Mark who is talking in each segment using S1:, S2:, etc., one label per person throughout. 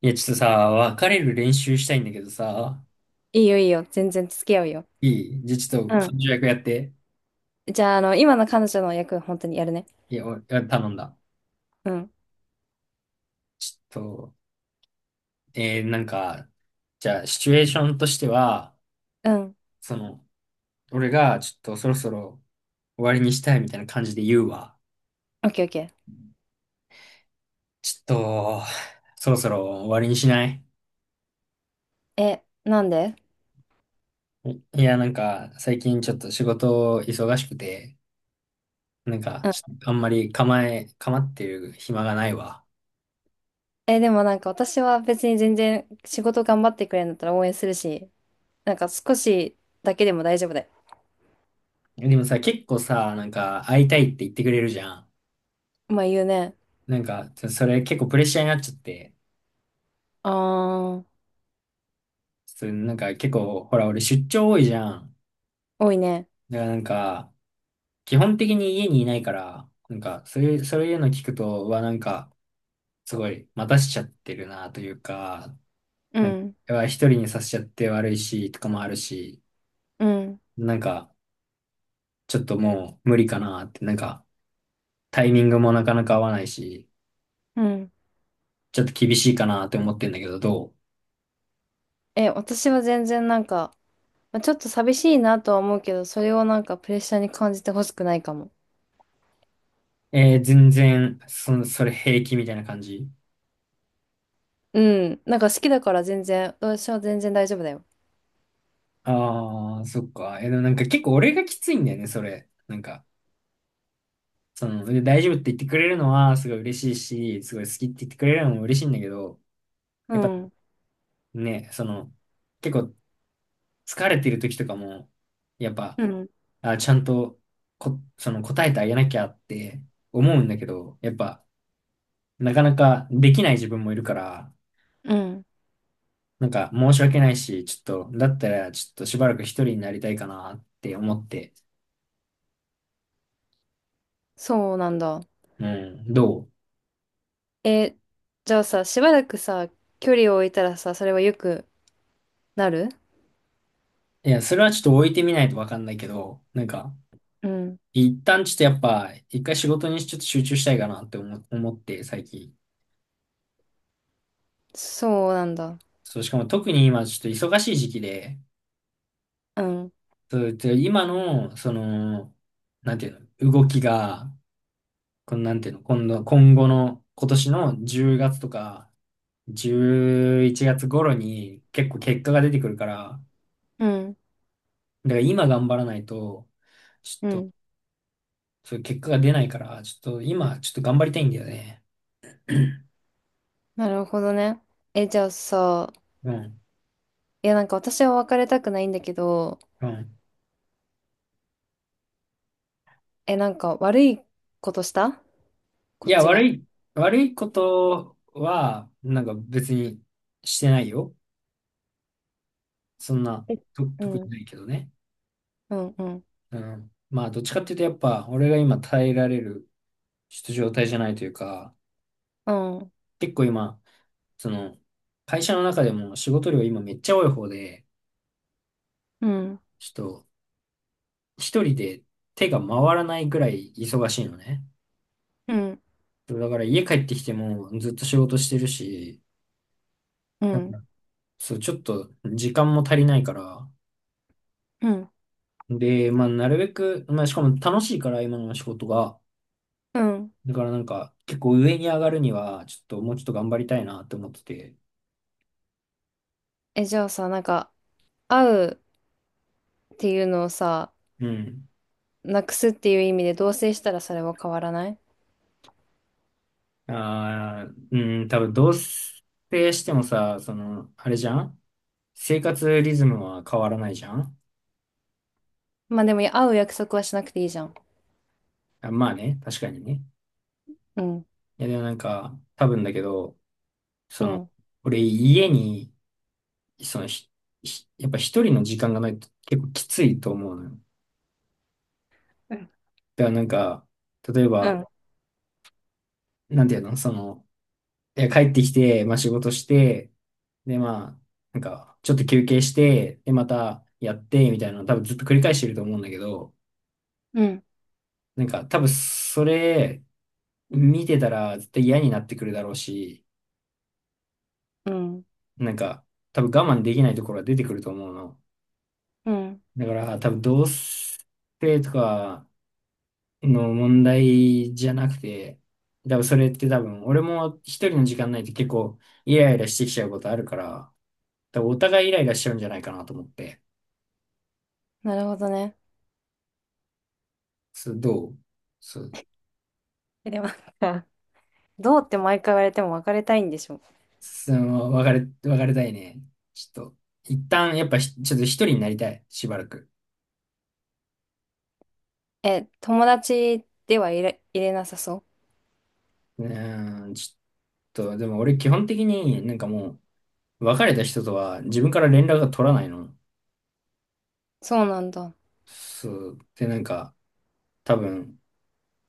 S1: いや、ちょっとさ、別れる練習したいんだけどさ、
S2: いいよいいよ。全然付き合うよ。
S1: いいじゃあちょっ
S2: う
S1: と、彼
S2: ん。
S1: 女役やって。
S2: じゃあ、今の彼女の役、本当にやるね。
S1: いや、お頼んだ。
S2: うん。
S1: ちょっと、えー、なんか、じゃあ、シチュエーションとしては、
S2: うん。
S1: その、俺が、ちょっと、そろそろ終わりにしたいみたいな感じで言うわ。
S2: オッケーオッケ
S1: ちょっと、そろそろ終わりにしない？
S2: ー。え、なんで？
S1: いや、なんか、最近ちょっと仕事忙しくて、なんか、
S2: う
S1: ち
S2: ん。
S1: ょっとあんまり構ってる暇がないわ。
S2: え、でもなんか私は別に全然仕事頑張ってくれるんだったら応援するし、なんか少しだけでも大丈夫だよ。
S1: でもさ、結構さ、なんか、会いたいって言ってくれるじゃん。
S2: まあ言うね。
S1: なんか、ちょそれ結構プレッシャーになっちゃって、
S2: あー、
S1: ちょっとなんか結構、ほら、俺出張多いじゃん。
S2: 多いね。
S1: だからなんか、基本的に家にいないから、なんか、そういうの聞くと、はなんか、すごい、待たしちゃってるなというか、
S2: う
S1: なんか、
S2: ん。
S1: うわ一人にさせちゃって悪いし、とかもあるし、
S2: うん。
S1: なんか、ちょっともう無理かなって、なんか、タイミングもなかなか合わないし、
S2: うん。
S1: ちょっと厳しいかなって思ってんだけど、どう
S2: え、私は全然まあ、ちょっと寂しいなとは思うけど、それをなんかプレッシャーに感じてほしくないかも。
S1: えー、全然、それ平気みたいな感じ？
S2: うん。なんか好きだから全然、私は全然大丈夫だよ。
S1: ああ、そっか。え、でもなんか結構俺がきついんだよね、それ。なんか、その、で大丈夫って言ってくれるのはすごい嬉しいし、すごい好きって言ってくれるのも嬉しいんだけど、
S2: う
S1: やっぱ
S2: ん。
S1: ね、その、結構疲れてる時とかも、やっぱ、
S2: うん、
S1: あ、ちゃんとその答えてあげなきゃって思うんだけど、やっぱ、なかなかできない自分もいるから、
S2: うん。
S1: なんか申し訳ないし、ちょっと、だったらちょっとしばらく一人になりたいかなって思って、
S2: そうなんだ。
S1: うん、どう？
S2: え、じゃあさ、しばらくさ、距離を置いたらさ、それはよくなる？
S1: いや、それはちょっと置いてみないとわかんないけど、なんか、
S2: うん。
S1: 一旦ちょっとやっぱ、一回仕事にちょっと集中したいかなって思って、最近。
S2: そうなんだ。
S1: そう、しかも特に今ちょっと忙しい時期で、
S2: うん。
S1: そう、で今の、その、なんていうの、動きが、このなんていうの、今度、今後の、今年の10月とか、11月頃に結構結果が出てくるから、
S2: うん。
S1: だから今頑張らないと、
S2: うん。
S1: そういう結果が出ないから、ちょっと今、ちょっと頑張りたいんだよね。
S2: なるほどね。え、じゃあさ、
S1: うん。
S2: いやなんか私は別れたくないんだけど、
S1: うん。
S2: え、なんか悪いことした
S1: い
S2: こっ
S1: や、
S2: ち
S1: 悪
S2: が。
S1: い、悪いことは、なんか別にしてないよ。そんな、
S2: え、
S1: と、
S2: う
S1: 特に
S2: ん。
S1: ないけどね。
S2: うん。うん。
S1: うん。まあ、どっちかっていうと、やっぱ、俺が今耐えられる、ちょっと状態じゃないというか、
S2: うん。
S1: 結構今、その、会社の中でも仕事量今めっちゃ多い方で、
S2: うん。
S1: ちょっと、一人で手が回らないぐらい忙しいのね。
S2: うん。
S1: そうだから家帰ってきてもずっと仕事してるし、
S2: う
S1: なん
S2: ん。
S1: か、そう、ちょっと時間も足りないから、
S2: うん。
S1: で、まあ、なるべく、まあ、しかも楽しいから、今の仕事が。
S2: うん。
S1: だからなんか、結構上に上がるには、ちょっともうちょっと頑張りたいなって思ってて。
S2: え、じゃあさ、なんか、会うっていうのをさ、
S1: うん。
S2: なくすっていう意味で同棲したらそれは変わらない？
S1: ああ、うん、多分同棲してもさ、その、あれじゃん、生活リズムは変わらないじゃん。
S2: まあでも会う約束はしなくていいじゃん。
S1: あ、まあね、確かにね。
S2: うん。
S1: いや、でもなんか、多分だけど、
S2: う
S1: その、
S2: ん。
S1: 俺家に、その、ひ、ひやっぱ一人の時間がないと結構きついと思うのよ。
S2: うん。
S1: だからなんか、例え
S2: う
S1: ば、
S2: ん。
S1: なんていうのその、え帰ってきて、まあ仕事して、で、まあ、なんか、ちょっと休憩して、で、またやって、みたいなの多分ずっと繰り返してると思うんだけど、
S2: うん。
S1: なんか多分それ見てたら絶対嫌になってくるだろうし、
S2: うん。
S1: なんか多分我慢できないところが出てくると思うの。
S2: うん。
S1: だから多分同性とかの問題じゃなくて、多分それって多分俺も一人の時間ないと結構イライラしてきちゃうことあるから、多分お互いイライラしちゃうんじゃないかなと思って。
S2: なるほどね。
S1: そう、どう？そう、
S2: え、でもなんか、どうって毎回言われても別れたいんでしょ。
S1: その、別れたいね。ちょっと、一旦、やっぱひ、ちょっと一人になりたい、しばらく。
S2: え、友達では入れ、入れなさそ
S1: うーん、ちょっと、でも俺基本的になんかもう、別れた人とは自分から連絡が取らないの。
S2: う。そうなんだ。
S1: そう、で、なんか、多分、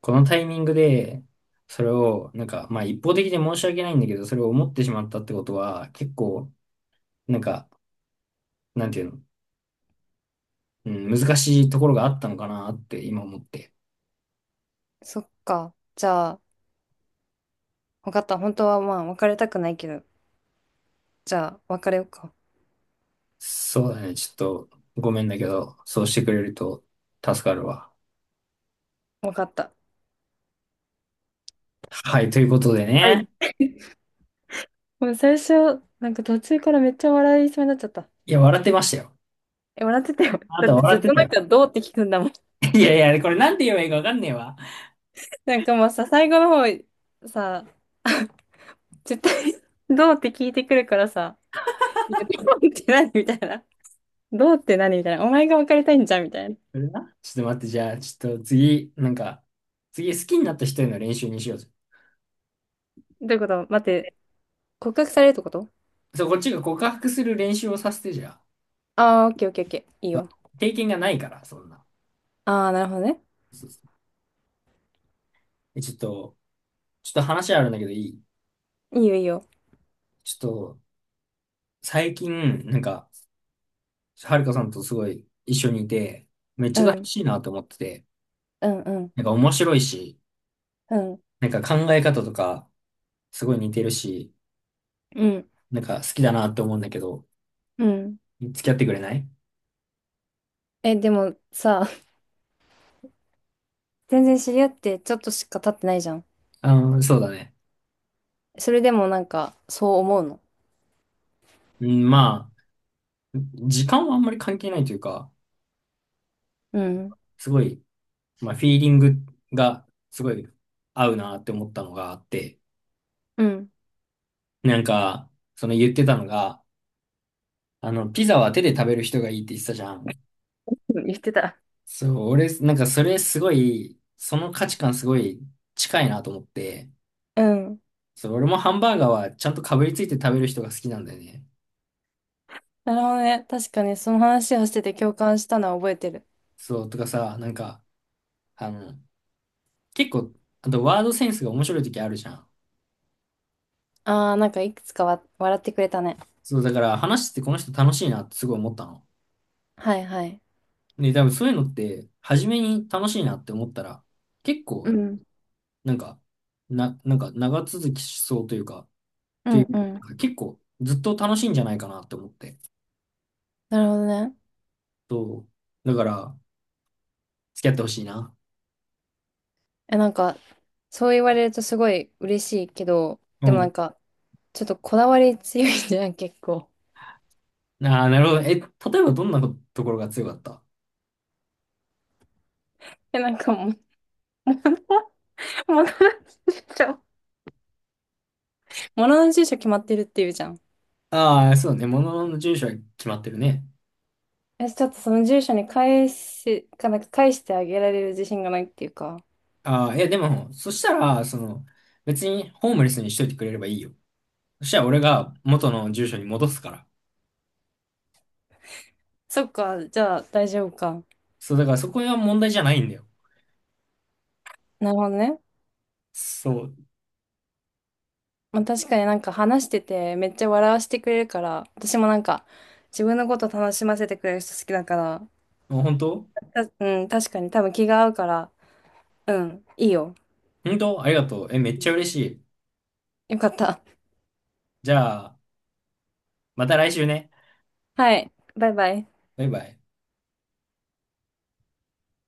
S1: このタイミングで、それを、なんか、まあ一方的で申し訳ないんだけど、それを思ってしまったってことは、結構、なんか、なんていうの、うん、難しいところがあったのかなって今思って。
S2: そっか。じゃあ、わかった。本当はまあ別れたくないけど、じゃあ別れようか。
S1: そうだね。ちょっと、ごめんだけど、そうしてくれると助かるわ。
S2: わかった。
S1: はい、ということで
S2: はい。
S1: ね。
S2: もう最初、なんか途中からめっちゃ笑いそうになっちゃった。
S1: いや、笑ってましたよ。
S2: え、笑ってたよ。
S1: あな
S2: だ
S1: た
S2: ってず
S1: 笑
S2: っ
S1: って
S2: と
S1: た
S2: なん
S1: よ。
S2: かどうって聞くんだもん。
S1: いやいや、これなんて言えばいいかわかんねえわ。
S2: なんかもうさ、最後の方、さ、絶対 どうって聞いてくるからさ、いや、どうって何みたいな。どうって何みたいな。お前が別れたいんじゃんみたいな。
S1: これな。ちょっと待って、じゃあ、ちょっと次、なんか、次好きになった人への練習にしようぜ。
S2: どういうこと待って、告白されるってこと？
S1: そう、こっちが告白する練習をさせてじゃ
S2: ああー、オッケーオッケーオッケー。いい
S1: あ。
S2: よ。
S1: 経験がないから、そんな。
S2: ああ、なるほどね。
S1: そうそう。え、ちょっと、ちょっと話あるんだけどいい？
S2: いいよいいよ。
S1: ちょっと、最近、なんか、はるかさんとすごい一緒にいて、
S2: う
S1: 嬉
S2: ん、
S1: しいなと思ってて、
S2: うん、うん、
S1: なんか面白いし、
S2: うん、
S1: なんか考え方とかすごい似てるし、
S2: うん、
S1: なんか好きだなって思うんだけど、
S2: うん。
S1: 付き合ってくれない？
S2: え、でもさ、全然知り合ってちょっとしか経ってないじゃん。
S1: あー、そうだね。
S2: それでもなんか、そう思うの？
S1: うん、まあ、時間はあんまり関係ないというか、
S2: うん、
S1: すごい、まあ、フィーリングがすごい合うなって思ったのがあって、
S2: うん。
S1: なんか、その言ってたのが、あの、ピザは手で食べる人がいいって言ってたじゃん。
S2: 言ってた。
S1: そう、俺、なんかそれすごい、その価値観すごい近いなと思って、
S2: うん。
S1: そう、俺もハンバーガーはちゃんとかぶりついて食べる人が好きなんだよね。
S2: なるほどね。確かにその話をしてて共感したのは覚えてる。
S1: そう、とかさ、なんか、あの、結構、あとワードセンスが面白い時あるじゃん。
S2: ああ、なんかいくつかわ笑ってくれたね。
S1: そう、だから話しててこの人楽しいなってすごい思ったの。
S2: はいはい。
S1: で、多分そういうのって、初めに楽しいなって思ったら、結
S2: う
S1: 構、
S2: ん。
S1: なんか、なんか長続きしそうというか、っ
S2: う
S1: てい
S2: んう
S1: う
S2: ん。
S1: か、結構ずっと楽しいんじゃないかなって思って。
S2: なるほどね。
S1: そう。だから、付き合ってほしいな。
S2: え、なんか、そう言われるとすごい嬉しいけど、
S1: う
S2: でもな
S1: ん。
S2: んか、ちょっとこだわり強いじゃん、結構。
S1: ああ、なるほど。え、例えばどんなところが強かった？
S2: え、なんかもう、物の住所、物の住所決まってるっていうじゃん。
S1: ああー、そうね。ものの住所は決まってるね。
S2: え、ちょっとその住所に返し、かなんか返してあげられる自信がないっていうか。
S1: ああ、いやでも、そしたら、その、別にホームレスにしといてくれればいいよ。そしたら俺が元の住所に戻すから。
S2: そっか、じゃあ大丈夫か。
S1: そう、だからそこは問題じゃないんだよ。
S2: なるほどね。
S1: そう。
S2: まあ、確かになんか話しててめっちゃ笑わせてくれるから、私もなんか自分のこと楽しませてくれる人好きだから、
S1: もう本当、
S2: た、うん、確かに多分気が合うから、うん、いいよ。
S1: 本当ありがとう。え、めっちゃ嬉しい。
S2: よかった。
S1: じゃあ、また来週ね。
S2: はい、バイバイ。
S1: バイバイ。